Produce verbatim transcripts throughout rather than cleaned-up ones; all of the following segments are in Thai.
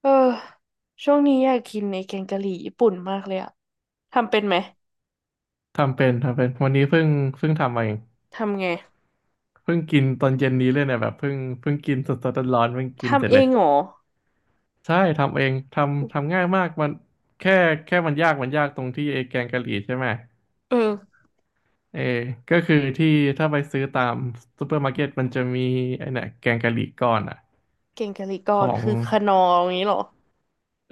เออช่วงนี้อยากกินไอ้แกงกะหรี่ญี่ปุ่นมากเลยอะทำเป็นไหม ทำเป็นทำเป็นวันนี้เพิ่งเพิ่งทำมาเองทำไง เพิ่งกินตอนเย็นนี้เลยเนี่ยแบบเพิ่งเพิ่งกินสดๆร้อนๆเพิ่งกินเสร็ทำจเอเลยงเหรอใช่ทำเองทำอทำง่ายมากมันแค่แค่มันยากมันยากตรงที่ไอ้แกงกะหรี่ใช่ไหมเออเออก็คือที่ถ้าไปซื้อตามซูเปอร์มาร์เก็ตมันจะมีไอ้เนี่ยแกงกะหรี่ก้อนอ่ะแกงกะหรี่ก้ขอนองคือขนองอย่างนี้เหรอ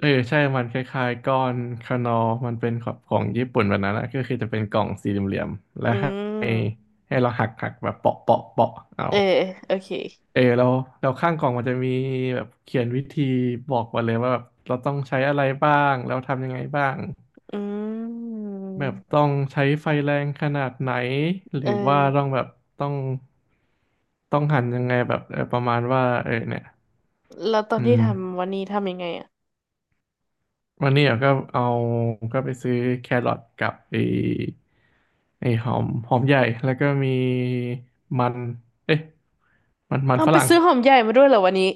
เออใช่มันคล้ายๆก้อนคานอมันเป็นของของญี่ปุ่นแบบนั้นนะก็คือจะเป็นกล่องสี่เหลี่ยมๆอืและให้ม ให้เราหักหักแบบเปาะเปาะเปาะเอา เออโอเคเออเราเราข้างกล่องมันจะมีแบบเขียนวิธีบอกมาเลยว่าแบบเราต้องใช้อะไรบ้างแล้วทำยังไงบ้างอืมแบบต้องใช้ไฟแรงขนาดไหนหเออรือว่าต้องแบบต้องต้องหั่นยังไงแบบเออประมาณว่าเออเนี่ยแล้วตอนอืที่มทำวันนี้ทำยังไงอะวันนี้เราก็เอาก็ไปซื้อแครอทกับไอ้ไอ้หอมหอมใหญ่แล้วก็มีมันเอ๊ะมันมันเอาฝไปรั่งซื้อหอมใหญ่มาด้วยเหรอวันนี้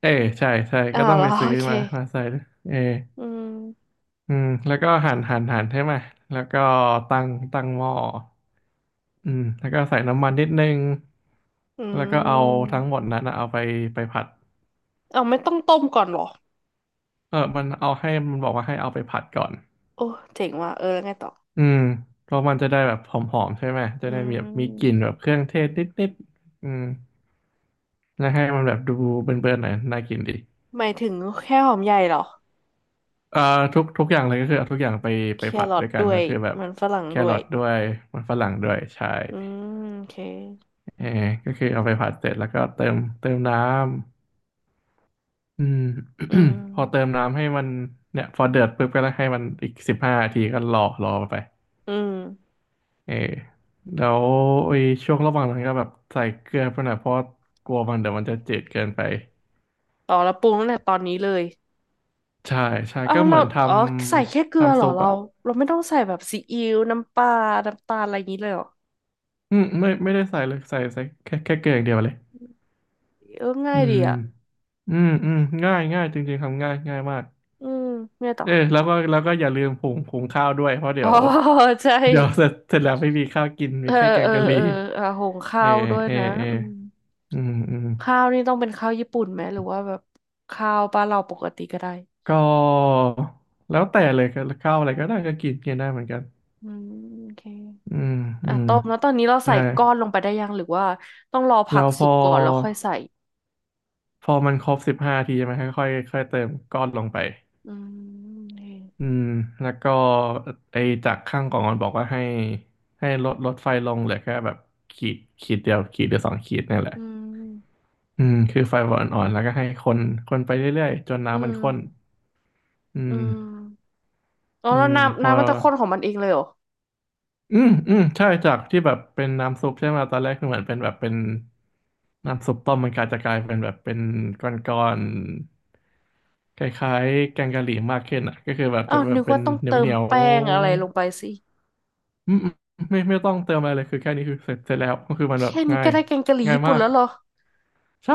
เออใช่ใช่อ้าก็วต้องแล้ไปวซื้โออเคมามาใส่เออ อืมอืมแล้วก็หั่นหั่นหั่นใช่ไหมแล้วก็ตั้งตั้งหม้ออืมแล้วก็ใส่น้ำมันนิดนึงอืแล้วก็เอามทั้งหมดนั้นนะเอาไปไปผัดเอาไม่ต้องต้มก่อนเหรอเออมันเอาให้มันบอกว่าให้เอาไปผัดก่อนโอ้เจ๋งว่ะเออแล้วไงต่ออืมเพราะมันจะได้แบบหอมๆใช่ไหมจะอืได้มีแบบมีกลิ่นมแบบเครื่องเทศนิดๆอืมแล้วให้มันแบบดูเบิ่นๆหน่อยน่ากินดีหมายถึงแค่หอมใหญ่เหรอ เอ่อทุกทุกอย่างเลยก็คือเอาทุกอย่างไปแคไปผัดรอด้ทวยกันด้วก็ยคือแบบมันฝรั่งแคด้รวยอทด้วยมันฝรั่งด้วยใช่ อืมโอเคเออก็คือเอาไปผัดเสร็จแล้วก็เติมเติมน้ำอืม อื พอเติมมน้ำให้มันเนี่ยพอเดือดปุ๊บก็ให้มันอีกสิบห้านาทีก็รอรอไปอืมเออแล้วไอ้ช่วงระหว่างนั้นก็แบบใส่เกลือไปหน่อยเพราะกลัวมันเดี๋ยวมันจะจืดเกินไปต่อแล้วปรุงตั้งแต่ตอนนี้เลยใช่ใช่อ้าก็วเหเรามือนทอ๋อใส่แค่เกำลือเหทำรอซุปเราอ่ะเราไม่ต้องใส่แบบซีอิ๊วน้ำปลาน้ำตาลอะไรอย่างนี้เลยเหรออืมไม่ไม่ได้ใส่เลยใส่ใส่แค่แค่เกลืออย่างเดียวเลยเออง่าอืยดีมอ่ะอืมอืมง่ายง่ายจริงๆทำง่ายง่ายมาก อืมเนี่ยต่อเออแล้วก็แล้วก็อย่าลืมผงผงข้าวด้วยเพราะเดี๋อ๋อยวใช่เดี๋ยว เสร็จเสร็จแล้วไม่มีข้าวกินมีเออแค่แกเองอกะหรี่เอออ่ะหุงเอข้าอวด้วยเออนะเอออืมอืมอืมข้าวนี่ต้องเป็นข้าวญี่ปุ่นไหมหรือว่าแบบข้าวบ้านเราปกติก็ได้ก็แล้วแต่เลยก็ข้าวอะไรก็ได้ก็กินกินได้เหมือนกันอืมโอเค อืมอือ่ะมต้มแล้วตอนนี้เราได้ใส่ก้อนลงไปได้ยังหรือว่าต้องรอผัแล้กวพสุกอก่อนแล้วค่อยใส่ พอมันครบสิบห้าทีใช่ไหมค่อยๆค่อยเติมก้อนลงไปอืมนี่อืมแล้วก็ไอ้จากข้างกล่องมันบอกว่าให้ให้ลดลดไฟลงเหลือแค่แบบขีดขีดเดียวขีดหรือสองขีดนี่แหละ อืมอืมคือไฟอ่อนๆแล้วก็ให้คนคนไปเรื่อยๆจนอืน้ำมันมข้นอือืมมอ๋ออืแล้วมพน้ำอน้ำมันจะข้นของมันเองเลยเหรออืมอืมใช่จากที่แบบเป็นน้ำซุปใช่ไหมตอนแรกคือเหมือนเป็นแบบเป็นน้ำซุปต้มมันกลายจะกลายเป็นแบบเป็นก้อนๆคล้ายๆแกงกะหรี่มากขึ้นอ่ะก็คือแบบจะอ้าวแบนึบกเป็ว่านต้องเหเติมนียวแป้งอะไรลงไปๆสิอืมอืมไม่ไม่ต้องเติมอะไรเลยคือแค่นี้คือเสร็จเสร็จแล้วก็คือมันแบบแค่นี้ง่าก็ยได้แกงกะหรี่ง่ายญี่ปุ่มานกแล้วเหรอใช่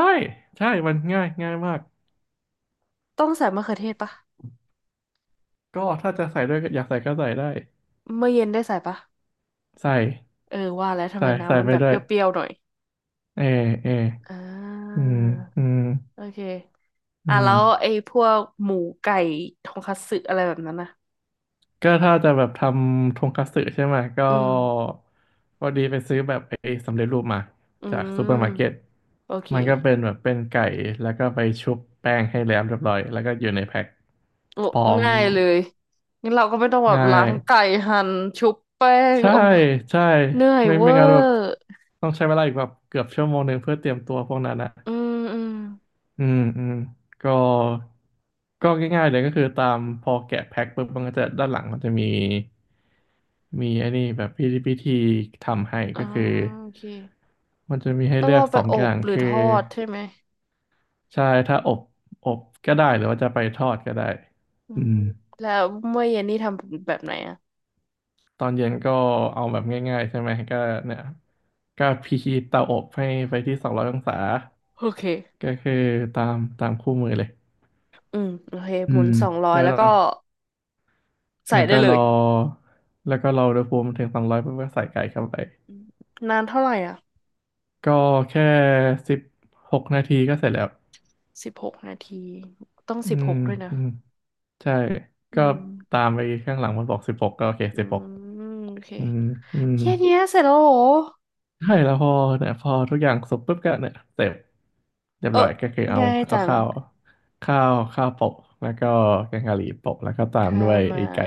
ใช่มันง่ายง่ายมากต้องใส่มะเขือเทศปะก็ถ้าจะใส่ด้วยอยากใส่ก็ใส่ได้เมื่อเย็นได้ใส่ปะใส่ เออว่าแล้วทำไมใส่ใส่น้ำมันไปแบบด้เปวยรี้ยวๆหน่อยเอเออ่อืามอืมโอเคอือ่ะแล้วมไอ้พวกหมูไก่ทงคัตสึอะไรแบบนั้นนะก็ถ้าจะแบบทำทงคัตสึใช่ไหมก็อืมพอดีไปซื้อแบบไอ้สำเร็จรูปมาอืจากซูเปอร์มาร์เก็ตมโอเค มันก็เป็นแบบเป็นไก่แล้วก็ไปชุบแป้งให้แล้วเรียบร้อยแล้วก็อยู่ในแพ็คโอ้พร้อมง่ายเลยงั้นเราก็ไม่ต้องแบบง่าล้ายงไก่หั่นชุบแป้งใช่โอ้ใช่เหนื่อยไม่เวอไม่งั้นแบบร์ต้องใช้เวลาอีกแบบเกือบชั่วโมงหนึ่งเพื่อเตรียมตัวพวกนั้นอะ อืมอืมอืมอืมก็ก็ง่ายๆเลยก็คือตามพอแกะแพ็คปุ๊บมันก็จะด้านหลังมันจะมีมีไอ้นี่แบบพิธีพิธีทำให้อ่าก็คือโอเคมันจะมีให้ต้องเลือกเอาไปสองออบย่างหรือทคืออดใช่ไหมใช่ถ้าอบอบก็ได้หรือว่าจะไปทอดก็ได้อือืมมแล้วเมื่อเย็นนี่ทำแบบไหนอะตอนเย็นก็เอาแบบง่ายๆใช่ไหมก็เนี่ยก็พิธีเตาอบให้ไปที่สองร้อยองศาโอเคก็คือตามตามคู่มือเลยอืมโอเคอืหมุนมสองร้อยแล้วแล้หวลัก็ง ใส่แล้วได้ก็เลรยอแล้วก็รออุณหภูมิถึงสองร้อยเพื่อใส่ไก่เข้าไปอืมนานเท่าไหร่อ่ะก็แค่สิบหกนาทีก็เสร็จแล้วสิบหกนาทีต้องอืสิบหมกด้วยนะอืมใช่อืก็มตามไปข้างหลังมันบอกสิบหกก็โอเคอืสิบหกมโอเคอืมอืมแค่เนี้ยเสร็จแล้วเหรอใช่แล้วพอเนี่ยพอทุกอย่างสุกปุ๊บก็เนี่ยเสร็จเรียเอบอร้อยก็คือเอาง่ายเอาจังข้าวข้าวข้าวโปะแล้วก็แกงกะหรี่โปะแล้วก็ตามข้าด้ววยมา ไอ้ไก่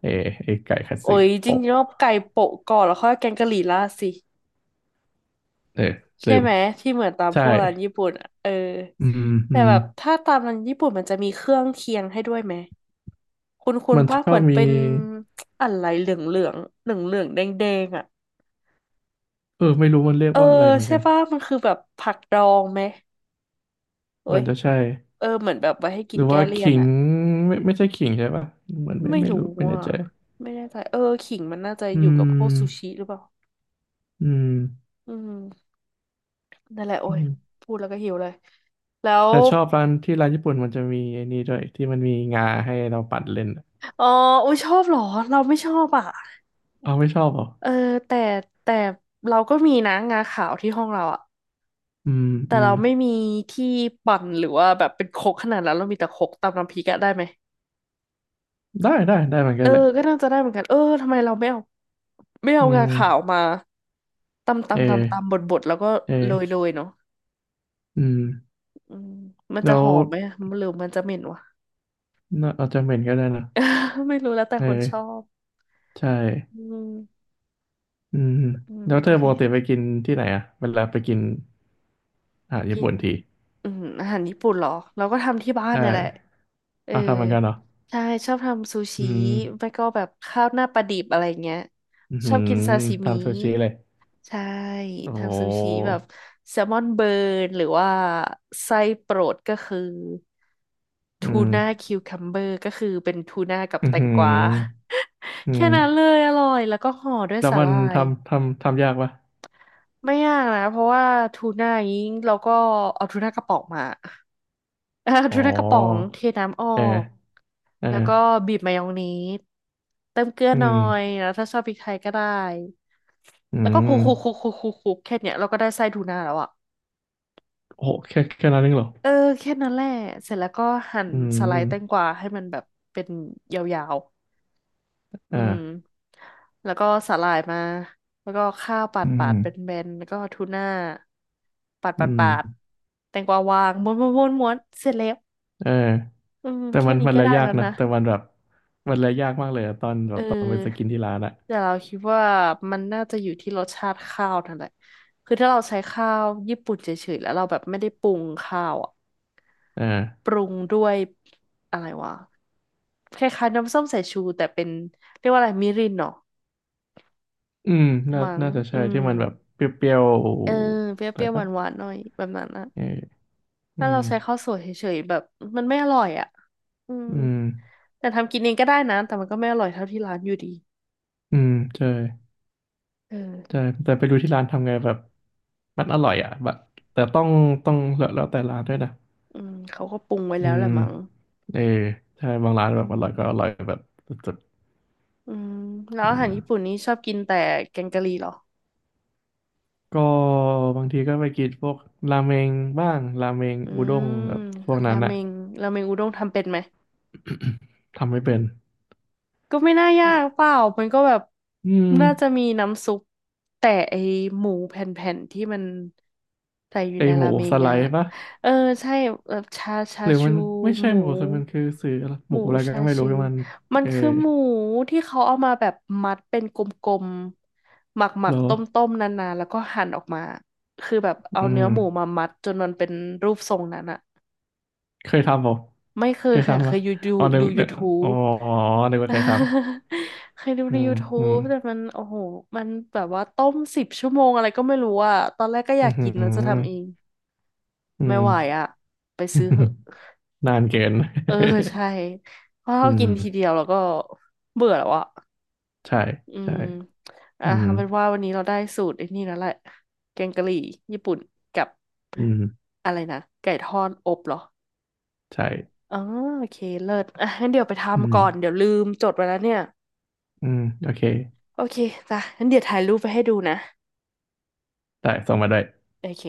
เออไอ้ไก่คัตโอ้สึยจริงโปะๆว่าไก่โปะก่อนแล้วค่อยแกงกะหรี่ราดสิเออลืใช่มไหมที่เหมือนตามพใช่วกร้านญี่ปุ่นอ่ะเอออืมอืแต่ม แบบถ้าตามร้านญี่ปุ่นมันจะมีเครื่องเคียงให้ด้วยไหมคุณคุณมันป้าชอเหมืบอนมีเป็นอะไรเหลืองเหลืองเหลืองเหลืองแดงแดงๆอ่ะเออไม่รู้มันเรียกเออว่าอะไรเหมือนใช่กันป่ะมันคือแบบผักดองไหมโอ้เหมือยนจะใช่เออเหมือนแบบไว้ให้กิหรืนอแก้ว่าเลี่ยขินงอ่ะไม่ไม่ใช่ขิงใช่ป่ะเหมือนไม่ไม่ไม่รู้รู้ไม่แน่อ่ะใจไม่แน่ใจเออขิงมันน่าจะอือยู่กับพวกซูมชิหรือเปล่าอืมอืมนั่นแหละโอ้อืยมพูดแล้วก็หิวเลยแล้ว แต่ชอบร้านที่ร้านญี่ปุ่นมันจะมีไอ้นี่ด้วยที่มันมีงาให้เราปัดเล่นอะอ๋ออุ้ยชอบเหรอเราไม่ชอบอ่ะเอาไม่ชอบเหรอเออแต่แต่เราก็มีนะงาขาวที่ห้องเราอ่ะอืมแต่อืมเราไม่มีที่ปั่นหรือว่าแบบเป็นครกขนาดนั้นเรามีแต่ครกตำน้ำพริกอะได้ไหมได้ได้ได้เหมือนกัเอนแหละอก็น่าจะได้เหมือนกันเออทำไมเราไม่เอาไม่เอาอืงามขาวมาตำเอตำตำตำบอดบดแล้วก็เออโรยโรยเนาะอืมอืมมันแล้จะหวอมไหมอะหรือมันจะเหม็นวะ น่าอาจจะเหม็นก็ได้นะ ไม่รู้แล้วแต่เอคนชออบใช่อืมอืมอืมแล้วโอเธอเคปกติไปกินที่ไหนอะเวลาไปกิน อ่ากิญี่นปุ่นทีอืมอาหารญี่ปุ่นเหรอเราก็ทำที่บ้านใช่เนี่ยแหละ เอออ่าทำเหมือนกันเหรอใช่ชอบทำซูอืชิมไม่ก็แบบข้าวหน้าปลาดิบอะไรเงี้ยอือชหือบอกินซาซิมิทำซูชิเลย ใช่โอ้โหทำซูชิแบบแซลมอนเบิร์นหรือว่าไส้โปรดก็คืออืทูมน่าคิวคัมเบอร์ก็คือเป็นทูน่ากับอือแตงหืกวา ออื แค่นั้นเลมยอร่อยแล้วก็ห่อด้วยแล้วสาหมันร่ายทำทำทำยากปะไม่ยากนะเพราะว่าทูน่านี้เราก็เอาทูน่ากระป๋องมา เอ่าอ๋อทูน่ากระป๋องเทน้ำออเออก เออแล้วก็บีบมายองเนสเติมเกลืออืหน่อมยแล้วถ้าชอบพริกไทยก็ได้อืแล้วก็คลุกคลุกคลุมกคลุกคลุกคลุกแค่เนี้ยเราก็ได้ไส้ทูน่าแล้วอ่ะโอ้โหแค่แค่นั้นเองเหรอเออแค่นั้นแหละเสร็จแล้วก็หั่นอืสไลมด์แตงกวาให้มันแบบเป็นยาวๆอือ่ามแล้วก็สาหร่ายมาแล้วก็ข้าวปาดอืปามดเป็นแบนๆแล้วก็ทูน่าปาดอืปาดมปาดแตงกวาวางม้วนม้วนม้วนม้วนเสร็จแล้วเอออืมแต่แค่มันนี้มันก็เลยได้ยาแล้กวเนอะนะ แต่มันแบบ มันเลยยากมากเลยอะตอนแบเอบตอนไปสอกินที่ร้านอะแต่เราคิดว่ามันน่าจะอยู่ที่รสชาติข้าวนั่นแหละคือถ้าเราใช้ข้าวญี่ปุ่นเฉยๆแล้วเราแบบไม่ได้ปรุงข้าวอ่ะเออ ปรุงด้วยอะไรวะคล้ายๆน้ำส้มสายชูแต่เป็นเรียกว่าอะไรมิรินเนาะอืมน่ามั้งน่าจะอืใช่ที่มมันแบบเปรี้ยวเออเปๆอะไรรี้ยวๆปะหวานๆหน่อยแบบนั้นนะเอออืถ้าเรามใช้ข้าวสวยเฉยๆแบบมันไม่อร่อยอ่ะอืมอืมแต่ทำกินเองก็ได้นะแต่มันก็ไม่อร่อยเท่าที่ร้านอยู่ดีอืมใช่เอใช่อแต่ไปดูที่ร้านทำไงแบบมันอร่อยอ่ะแบบแต่ต้องต้องแล้วแล้วแต่ร้านด้วยนะอืมเขาก็ปรุงไว้อืแล้วแหละมมั้งเออใช่บางร้านอืแบบอร่อยก็อร่อยม แบบสุดอืมแล้ๆวอือาหารมญี่ปุ่นนี้ชอบกินแต่แกงกะหรี่เหรอ ก็บางทีก็ไปกินพวกราเมงบ้างราเมงอือุด้งแบมบพวกนั้รานเมอะงราเมงอุด้งทำเป็นไหม ทำไม่เป็นก็ไม่น่ายากเปล่ามันก็แบบอืมน่าจะมีน้ำซุปแต่ไอหมูแผ่นๆที่มันใส่อยู่ไอในหรามูเมสงไลอะด์ปะ เออใช่แบบชาชาหรือมัชูนไม่ใช่หมูหมูสดมันคือสื่ออะไรหหมูมูอะไรชาก็ไม่รู้ชูที่มันมันเออคือหมูที่เขาเอามาแบบมัดเป็นกลมๆหมัเหรกอๆต้มๆนานๆแล้วก็หั่นออกมาคือแบบเอาอืเนื้อมหมูมามัดจนมันเป็นรูปทรงนั้นอะ เคยทำเปล่าไม่เคเคยยค่ะทำเคปะยอยู่ดูอ๋อนึกดู นึกอ๋ YouTube อนึกว่าเคยท เคยดูำอืใน มอื ยูทูบ มแต่มันโอ้โหมันแบบว่าต้มสิบชั่วโมงอะไรก็ไม่รู้อ่ะตอนแรกก็ออืยามกอหืกินแล้วจะทำเองออืไม่ม ไหวอ่ะไปซื้อเหอะ นานเกิน เออใช่เพราะ อืเรามกินทีเดียวแล้วก็เบื่อแล้วอ่ะใช่อืใช่มอ่ะอืมเอาเป็นว่าวันนี้เราได้สูตรไอ้นี่แล้วแหละแกงกะหรี่ญี่ปุ่นกับอืมอะไรนะไก่ทอดอบเหรอใช่อ๋อโอเคเลิศอ่ะงั้นเดี๋ยวไปอืทำก่มอนเดี๋ยวลืมจดไว้แล้วเนี่ย อืมโอเคโอเคจ้ะงั้นเดี๋ยวถ่ายรูปไปให้ดูนะ ได้ส่งมาได้โอเค